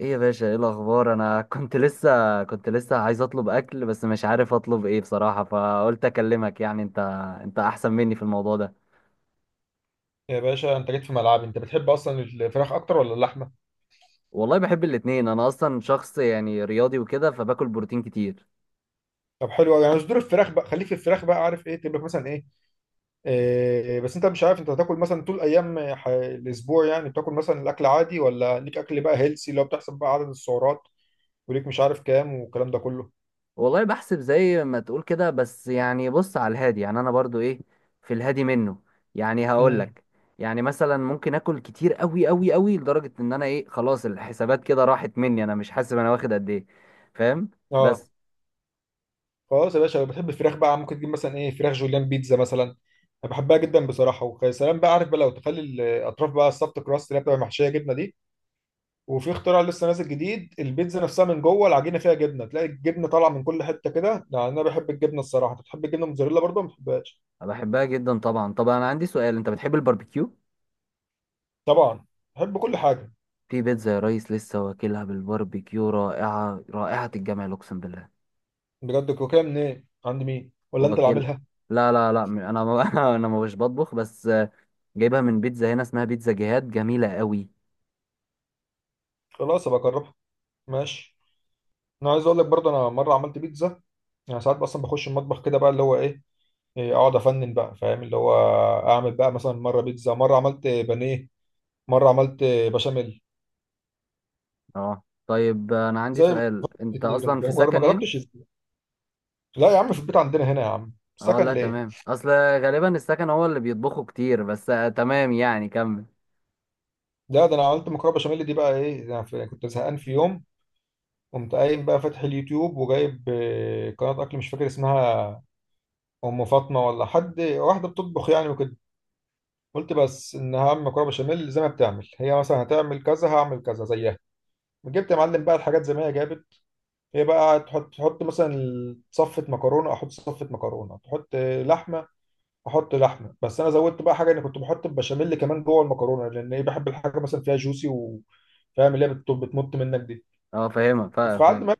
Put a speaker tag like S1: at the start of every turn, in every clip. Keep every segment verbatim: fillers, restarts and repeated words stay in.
S1: ايه يا باشا، ايه الاخبار؟ انا كنت لسه كنت لسه عايز اطلب اكل بس مش عارف اطلب ايه بصراحة، فقلت اكلمك يعني انت انت احسن مني في الموضوع ده.
S2: يا باشا انت جيت في ملعبي. انت بتحب اصلا الفراخ اكتر ولا اللحمه؟
S1: والله بحب الاتنين، انا اصلا شخص يعني رياضي وكده فباكل بروتين كتير.
S2: طب حلو قوي. يعني صدور الفراخ بقى، خليك في الفراخ بقى، عارف ايه تبقى مثلا ايه. آه بس انت مش عارف انت هتاكل مثلا طول ايام ح- الاسبوع. يعني بتاكل مثلا الاكل عادي ولا ليك اكل بقى هيلسي اللي هو بتحسب بقى عدد السعرات وليك مش عارف كام والكلام ده كله.
S1: والله بحسب زي ما تقول كده بس يعني بص على الهادي، يعني انا برضو ايه، في الهادي منه، يعني هقول
S2: امم
S1: لك. يعني مثلا ممكن اكل كتير قوي قوي قوي لدرجة ان انا ايه، خلاص الحسابات كده راحت مني، انا مش حاسب انا واخد قد ايه. فاهم؟
S2: اه
S1: بس.
S2: خلاص يا باشا، لو بتحب الفراخ بقى ممكن تجيب مثلا ايه فراخ جوليان بيتزا مثلا. انا بحبها جدا بصراحه، ويا سلام بقى عارف بقى لو تخلي الاطراف بقى السبت كراست اللي هي بتبقى محشيه جبنه دي. وفي اختراع لسه نازل جديد، البيتزا نفسها من جوه العجينه فيها جبنه، تلاقي الجبنه طالعه من كل حته كده، لان انا بحب الجبنه الصراحه. انت بتحب الجبنه الموتزاريلا برضه ولا ما بتحبهاش؟
S1: أنا بحبها جدا طبعا. طب انا عندي سؤال، انت بتحب الباربيكيو؟
S2: طبعا بحب كل حاجه.
S1: في بيتزا يا ريس لسه واكلها بالباربيكيو، رائعه، رائحه الجمال، اقسم بالله.
S2: بجد كوكيه منين؟ عند مين ولا انت اللي
S1: واكل.
S2: عاملها؟
S1: لا لا لا، م- انا ما انا ما مش بطبخ، بس آه، جايبها من بيتزا هنا، اسمها بيتزا جهاد، جميله قوي.
S2: خلاص ابقى اجربها، ماشي. انا عايز اقول لك برضه، انا مره عملت بيتزا. يعني ساعات اصلا بخش المطبخ كده بقى اللي هو ايه، إيه، اقعد افنن بقى، فاهم اللي هو، اعمل بقى مثلا مره بيتزا، مره عملت بانيه، مره عملت بشاميل.
S1: اه طيب، آه، انا عندي
S2: زي ما
S1: سؤال، انت
S2: كتير،
S1: اصلا
S2: انت
S1: في
S2: ما
S1: سكن يعني؟
S2: جربتش ازاي؟ لا يا عم، في البيت عندنا هنا يا عم،
S1: اه
S2: سكن
S1: لا،
S2: ليه.
S1: تمام. اصل غالبا السكن هو اللي بيطبخوا كتير، بس آه، تمام، يعني كمل.
S2: ده ده انا عملت مكرونه بشاميل دي بقى، ايه ده، أنا في- كنت زهقان في يوم، قمت قايم بقى فاتح اليوتيوب وجايب آه، قناه اكل مش فاكر اسمها، ام فاطمه ولا حد، واحده بتطبخ يعني وكده. قلت بس ان هعمل مكرونه بشاميل زي ما بتعمل هي، مثلا هتعمل كذا هعمل كذا زيها. جبت يا معلم بقى الحاجات زي ما هي جابت. هي بقى تحط تحط مثلا صفه مكرونه، احط صفه مكرونه، تحط لحمه، احط لحمه. بس انا زودت بقى حاجه اني كنت بحط البشاميل كمان جوه المكرونه، لان ايه بحب الحاجه مثلا فيها جوسي، و فاهم اللي هي بت- بتمط منك دي.
S1: اه فاهمه، فا-
S2: وفي عد
S1: فاهم.
S2: ما،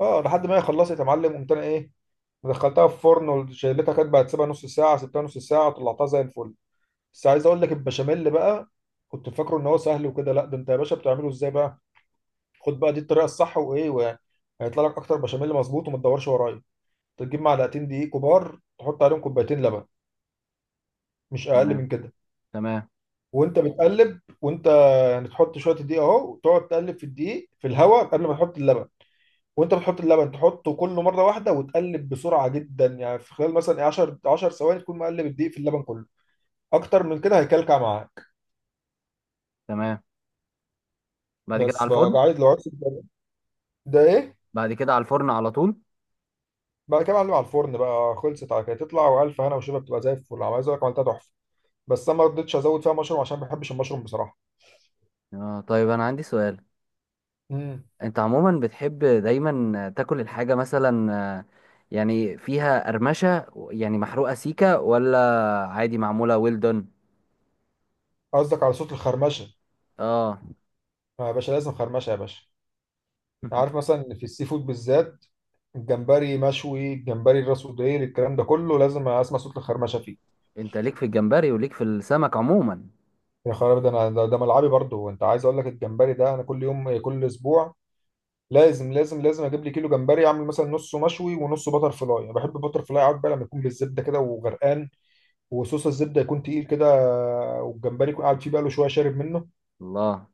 S2: اه لحد ما هي خلصت يا معلم، قمت انا ايه دخلتها في الفرن وشيلتها، كانت بقى تسيبها نص ساعه، سبتها نص ساعه، طلعتها زي الفل. بس عايز اقول لك البشاميل بقى، كنت فاكره ان هو سهل وكده، لا ده انت يا باشا بتعمله ازاي بقى. خد بقى دي الطريقه الصح، وايه و- هيطلع لك اكتر بشاميل مظبوط وما تدورش ورايا. تجيب معلقتين دقيق كبار، تحط عليهم كوبايتين لبن، مش اقل من
S1: تمام
S2: كده.
S1: تمام
S2: وانت بتقلب، وانت يعني تحط شويه الدقيق اهو وتقعد تقلب في الدقيق في الهواء قبل ما تحط اللبن. وانت بتحط اللبن، تحطه كله مره واحده وتقلب بسرعه جدا، يعني في خلال مثلا إيه عشرة عشرة ثواني تكون مقلب الدقيق في اللبن كله. اكتر من كده هيكلكع معاك.
S1: تمام. بعد كده على
S2: بس بقى
S1: الفرن.
S2: عايز، لو عايز، ده ايه،
S1: بعد كده على الفرن على طول.
S2: بعد كده معلم على الفرن بقى، خلصت على كده تطلع، والف هنا وشفا بتبقى زي الفل. عايز اقول لك عملتها تحفه، بس انا ما رضيتش ازود فيها مشروم عشان ما بحبش المشروم بصراحه.
S1: اه طيب انا عندي سؤال،
S2: امم،
S1: انت عموما بتحب دايما تاكل الحاجة مثلا آه، يعني فيها قرمشة؟ يعني محروقة سيكة، ولا عادي معمولة ويل دون؟
S2: قصدك على صوت الخرمشه؟
S1: اه.
S2: آه يا باشا، لازم خرمشه يا باشا. عارف مثلا في السي فود بالذات، الجمبري مشوي، الجمبري الراس وديل، الكلام ده كله لازم اسمع صوت الخرمشه فيه.
S1: انت ليك في الجمبري وليك في السمك عموما؟
S2: يا خرابي، ده انا ده, ده ملعبي برضه. وانت عايز اقول لك، الجمبري ده انا كل يوم، كل اسبوع لازم لازم لازم اجيب لي كيلو جمبري، اعمل مثلا نصه مشوي ونصه بتر فلاي. انا بحب بتر فلاي قوي بقى لما يكون بالزبده كده وغرقان، وصوص الزبده يكون تقيل كده، والجمبري يكون قاعد فيه بقى له شويه، شارب منه.
S1: الله.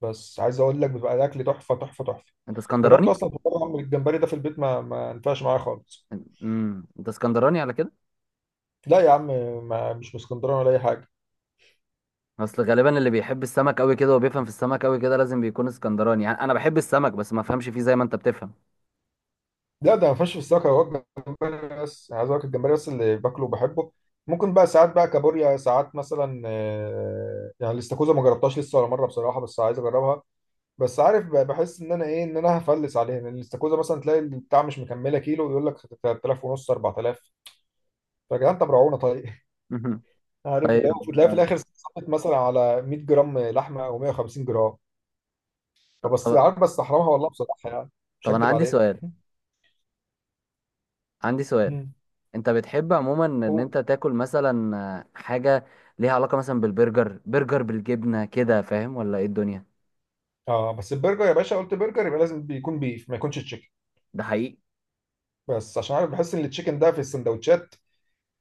S2: بس عايز اقول لك، بيبقى الاكل تحفه تحفه تحفه.
S1: انت
S2: جربت
S1: اسكندراني؟
S2: اصلا في مره اعمل الجمبري ده في البيت، ما ما ينفعش معايا خالص.
S1: امم، انت اسكندراني على كده؟
S2: لا يا عم، ما مش من اسكندريه ولا اي حاجه.
S1: اصل غالبا اللي بيحب السمك قوي كده وبيفهم في السمك قوي كده لازم بيكون اسكندراني، يعني انا بحب السمك بس ما افهمش فيه زي ما انت بتفهم.
S2: لا ده ما فيهاش فساخ هو. الجمبري بس عايز اقول لك، الجمبري بس اللي باكله وبحبه. ممكن بقى ساعات بقى كابوريا، ساعات مثلا آه، يعني الاستاكوزا ما جربتهاش لسه ولا مره بصراحه، بس عايز اجربها. بس عارف بقى بحس ان انا ايه، ان انا هفلس عليها، لان الاستاكوزا مثلا تلاقي البتاع مش مكمله كيلو يقول لك ثلاثة آلاف ونص، أربعة آلاف. فيا جدعان طب روعونا طيب. عارف اللي
S1: طيب.
S2: هو تلاقي في الاخر صفت مثلا على 100 جرام لحمه او 150 جرام. فبس
S1: طب
S2: عارف، بس احرمها والله بصراحه يعني، مش
S1: طب انا
S2: هكدب
S1: عندي
S2: عليك.
S1: سؤال عندي سؤال
S2: مم.
S1: انت بتحب عموما ان انت تاكل مثلا آه، حاجة ليها علاقة مثلا بالبرجر، برجر بالجبنة كده، فاهم؟ ولا ايه الدنيا؟
S2: اه بس البرجر يا باشا، قلت برجر يبقى لازم بيكون بيف، ما يكونش تشيكن.
S1: ده حقيقي.
S2: بس عشان عارف بحس ان التشيكن ده في السندوتشات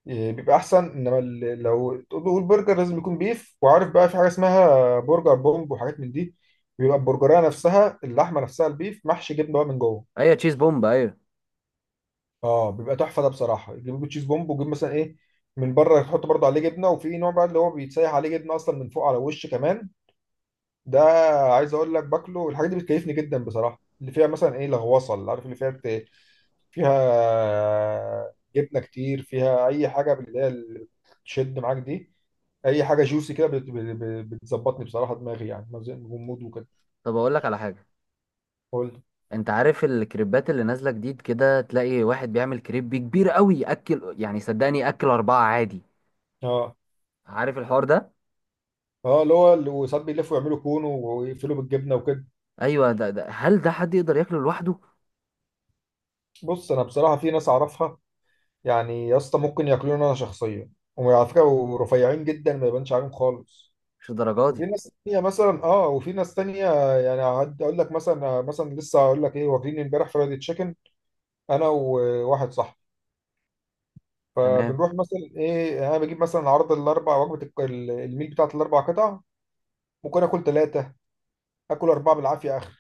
S2: إيه، بيبقى احسن، انما ال- لو تقول برجر لازم يكون بيف. وعارف بقى في حاجه اسمها برجر بومب وحاجات من دي، بيبقى البرجريه نفسها، اللحمه نفسها البيف محشي جبنه بقى من جوه.
S1: ايوه، تشيز بومب، ايوه.
S2: اه بيبقى تحفه ده بصراحه، يجيب تشيز بومب ويجيب مثلا ايه من بره يحط برضه عليه جبنه، وفي نوع بقى اللي هو بيتسيح عليه جبنه اصلا من فوق على الوش كمان ده. عايز اقول لك باكله، الحاجات دي بتكيفني جدا بصراحه، اللي فيها مثلا ايه لغوصه، اللي عارف اللي فيها، فيها جبنه كتير، فيها اي حاجه من اللي هي اللي بتشد معاك دي. اي حاجه جوسي كده بت- بت- بتظبطني بصراحه، دماغي يعني غموض وكده.
S1: طب اقول لك على حاجة.
S2: قول.
S1: انت عارف الكريبات اللي نازلة جديد كده؟ تلاقي واحد بيعمل كريب كبير قوي، ياكل يعني صدقني ياكل أربعة عادي.
S2: اه،
S1: عارف الحوار ده؟
S2: اه اللي هو اللي- وساعات بيلفوا يعملوا كون ويقفلوا بالجبنه وكده.
S1: ايوه، ده, ده هل ده حد يقدر ياكله لوحده؟
S2: بص انا بصراحه في ناس اعرفها، يعني يا اسطى ممكن ياكلوني انا شخصيا، وعلى فكره ورفيعين جدا ما يبانش عليهم خالص.
S1: مش الدرجة
S2: وفي
S1: دي.
S2: ناس تانية مثلا، اه وفي ناس تانية يعني هقعد اقول لك مثلا آه، مثلا لسه هقول لك ايه، واكلين امبارح فرايد تشيكن انا وواحد صاحبي.
S1: تمام.
S2: فبنروح مثلا ايه، انا بجيب مثلا عرض الاربع وجبه الك- ال- الميل بتاعت الاربع قطع. ممكن اكل ثلاثه، اكل اربعه بالعافيه اخر.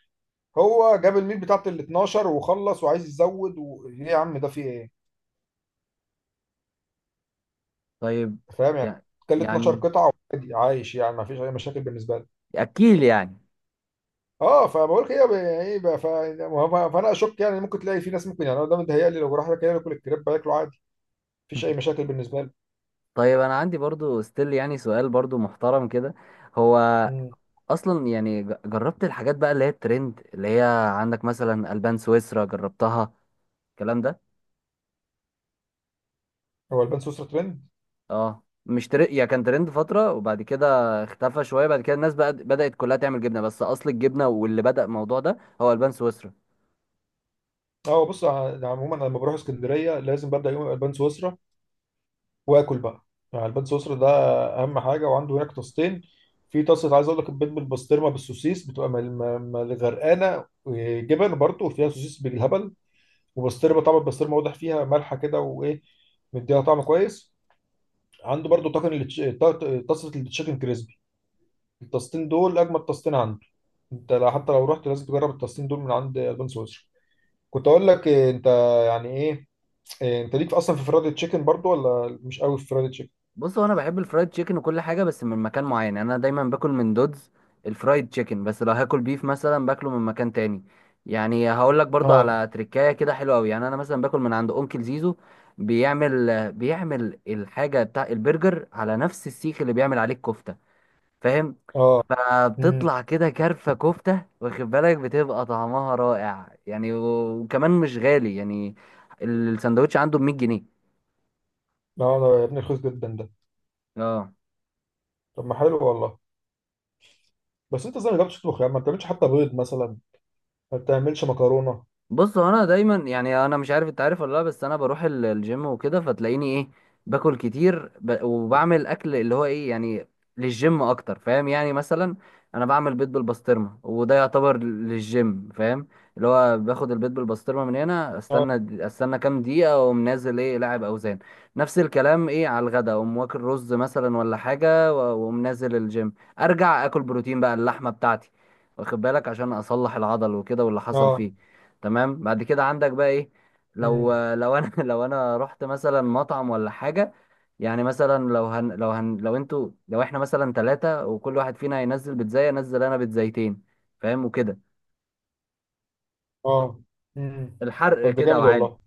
S2: هو جاب الميل بتاعت ال اثنا عشر وخلص وعايز يزود و... ايه يا عم ده في ايه.
S1: طيب
S2: فاهم يعني،
S1: يعني.
S2: كل
S1: يعني
S2: اثنا عشر قطعة قطعه وعادي عايش يعني، ما فيش اي مشاكل بالنسبه لي.
S1: اكيل يعني.
S2: اه، فبقول كده ب- ايه بقى ف... ما- هو- فانا اشك يعني، ممكن تلاقي في ناس، ممكن يعني انا ده متهيألي لو راح كده ياكل الكريب هياكله عادي، مفيش اي مشاكل بالنسبه لي.
S1: طيب انا عندي برضو ستيل يعني سؤال برضو محترم كده. هو
S2: مم.
S1: اصلا يعني ج- جربت الحاجات بقى اللي هي الترند، اللي هي عندك مثلا البان سويسرا؟ جربتها الكلام ده؟
S2: هو البان سويسرا ترند؟
S1: اه مش تر... يعني كان ترند فترة، وبعد كده اختفى شوية، بعد كده الناس بقى بدأت كلها تعمل جبنة بس اصل الجبنة، واللي بدأ الموضوع ده هو البان سويسرا.
S2: اه بص ع- عموما انا لما بروح اسكندريه لازم ببدا يوم البان سويسرا، واكل بقى. يعني البيض سويسرا ده اهم حاجه، وعنده هناك طاستين. في طاسه عايز اقول لك البيض بالبسطرمه بالسوسيس، بتبقى مل- م- مل غرقانه إيه، جبن برضه، وفيها سوسيس بالهبل، وبسطرمه. طبعا البسطرمه واضح فيها مالحه كده وايه، مديها طعم كويس. عنده برضه طاجن التش- طا- طاسه التشيكن كريسبي. الطاستين دول اجمد طاستين عنده. انت لو- حتى لو رحت لازم تجرب الطاستين دول من عند البان سويسرا. كنت اقول لك إيه، انت يعني ايه، إيه، انت ليك اصلا في فرايد تشيكن برضه ولا مش قوي في فرايد تشيكن؟
S1: بص، هو انا بحب الفرايد تشيكن وكل حاجه بس من مكان معين، يعني انا دايما باكل من دودز الفرايد تشيكن، بس لو هاكل بيف مثلا باكله من مكان تاني. يعني هقول لك برضو
S2: اه،
S1: على تركايه كده حلوه قوي، يعني انا مثلا باكل من عند اونكل زيزو. بيعمل بيعمل الحاجه بتاع البرجر على نفس السيخ اللي بيعمل عليه الكفته. فاهم؟
S2: اه.
S1: فبتطلع كده كرفه كفته، واخد بالك بتبقى طعمها رائع يعني، وكمان مش غالي يعني. السندوتش عنده ب مية جنيه.
S2: لا انا يا ابني رخيص جدا ده.
S1: اه
S2: طب ما حلو والله. بس انت ازاي ما جربتش تطبخ يا عم؟ ما بتعملش حتى بيض مثلا، ما بتعملش مكرونه.
S1: بص، هو انا دايما يعني انا مش عارف انت عارف ولا لا، بس انا بروح ال- الجيم وكده فتلاقيني ايه باكل كتير ب... وبعمل اكل اللي هو ايه يعني للجيم اكتر، فاهم؟ يعني مثلا انا بعمل بيض بالبسطرمه، وده يعتبر للجيم، فاهم؟ اللي هو باخد البيض بالبسطرمه من هنا، استنى استنى كام دقيقه واقوم نازل ايه لاعب اوزان. نفس الكلام ايه على الغدا، اقوم واكل رز مثلا ولا حاجه، و- واقوم نازل الجيم، ارجع اكل بروتين بقى اللحمه بتاعتي، واخد بالك عشان اصلح العضل وكده واللي حصل
S2: اه،
S1: فيه. تمام. بعد كده عندك بقى ايه؟ لو
S2: امم،
S1: لو انا لو انا رحت مثلا مطعم ولا حاجه يعني، مثلا لو هن لو هن لو انتوا لو احنا مثلا ثلاثه وكل واحد فينا هينزل بيتزاي، انزل انا بيتزايتين. فاهم وكده؟
S2: اه، امم.
S1: الحرق
S2: طب ده
S1: كده
S2: جامد
S1: وعالي.
S2: والله.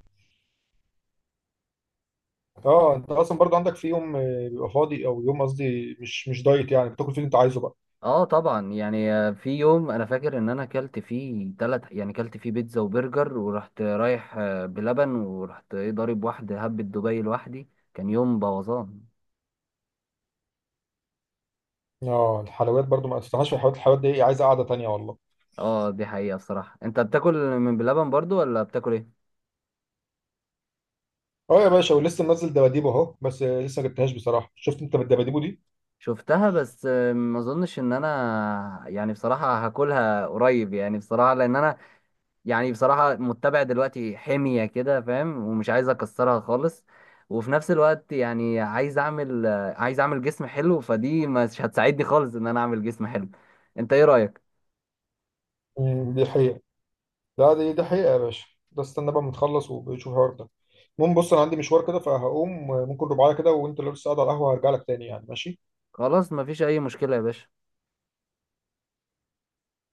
S2: اه انت اصلا برضو عندك في يوم آه، بيبقى فاضي، او يوم قصدي مش مش دايت يعني، بتاكل فيه اللي انت عايزه بقى؟
S1: اه طبعا يعني، آه، في يوم انا فاكر ان انا كلت فيه ثلاث، يعني كلت فيه بيتزا وبرجر ورحت رايح آه، بلبن، ورحت ايه ضارب واحده هبة دبي لوحدي، كان يوم بوظان.
S2: اه الحلويات برضو، ما استناش في الحلويات، الحلويات دي عايزه قعده تانيه والله.
S1: اه، دي حقيقه. الصراحه انت بتاكل من بلبن برضو ولا بتاكل ايه؟
S2: اه يا باشا، ولسه منزل دباديبو اهو، بس آه، لسه ما جبتهاش بصراحه. شفت انت بالدباديبو دي؟
S1: شفتها بس آه، ما اظنش ان انا يعني بصراحة هاكلها قريب، يعني بصراحة لان انا يعني بصراحة متبع دلوقتي حمية كده فاهم، ومش عايز اكسرها خالص. وفي نفس الوقت يعني عايز اعمل آه، عايز اعمل جسم حلو، فدي مش هتساعدني خالص ان انا اعمل جسم حلو. انت ايه رأيك؟
S2: امم دي حقيقه، لا دي ده حقيقة يا باشا. ده استنى بقى ما نخلص وبنشوف الحوار ده. المهم بص انا عندي مشوار كده فهقوم، ممكن ربع ساعة كده، وانت لو لسه قاعد على القهوة هرجع لك تاني يعني، ماشي.
S1: خلاص، مفيش اي مشكلة يا باشا.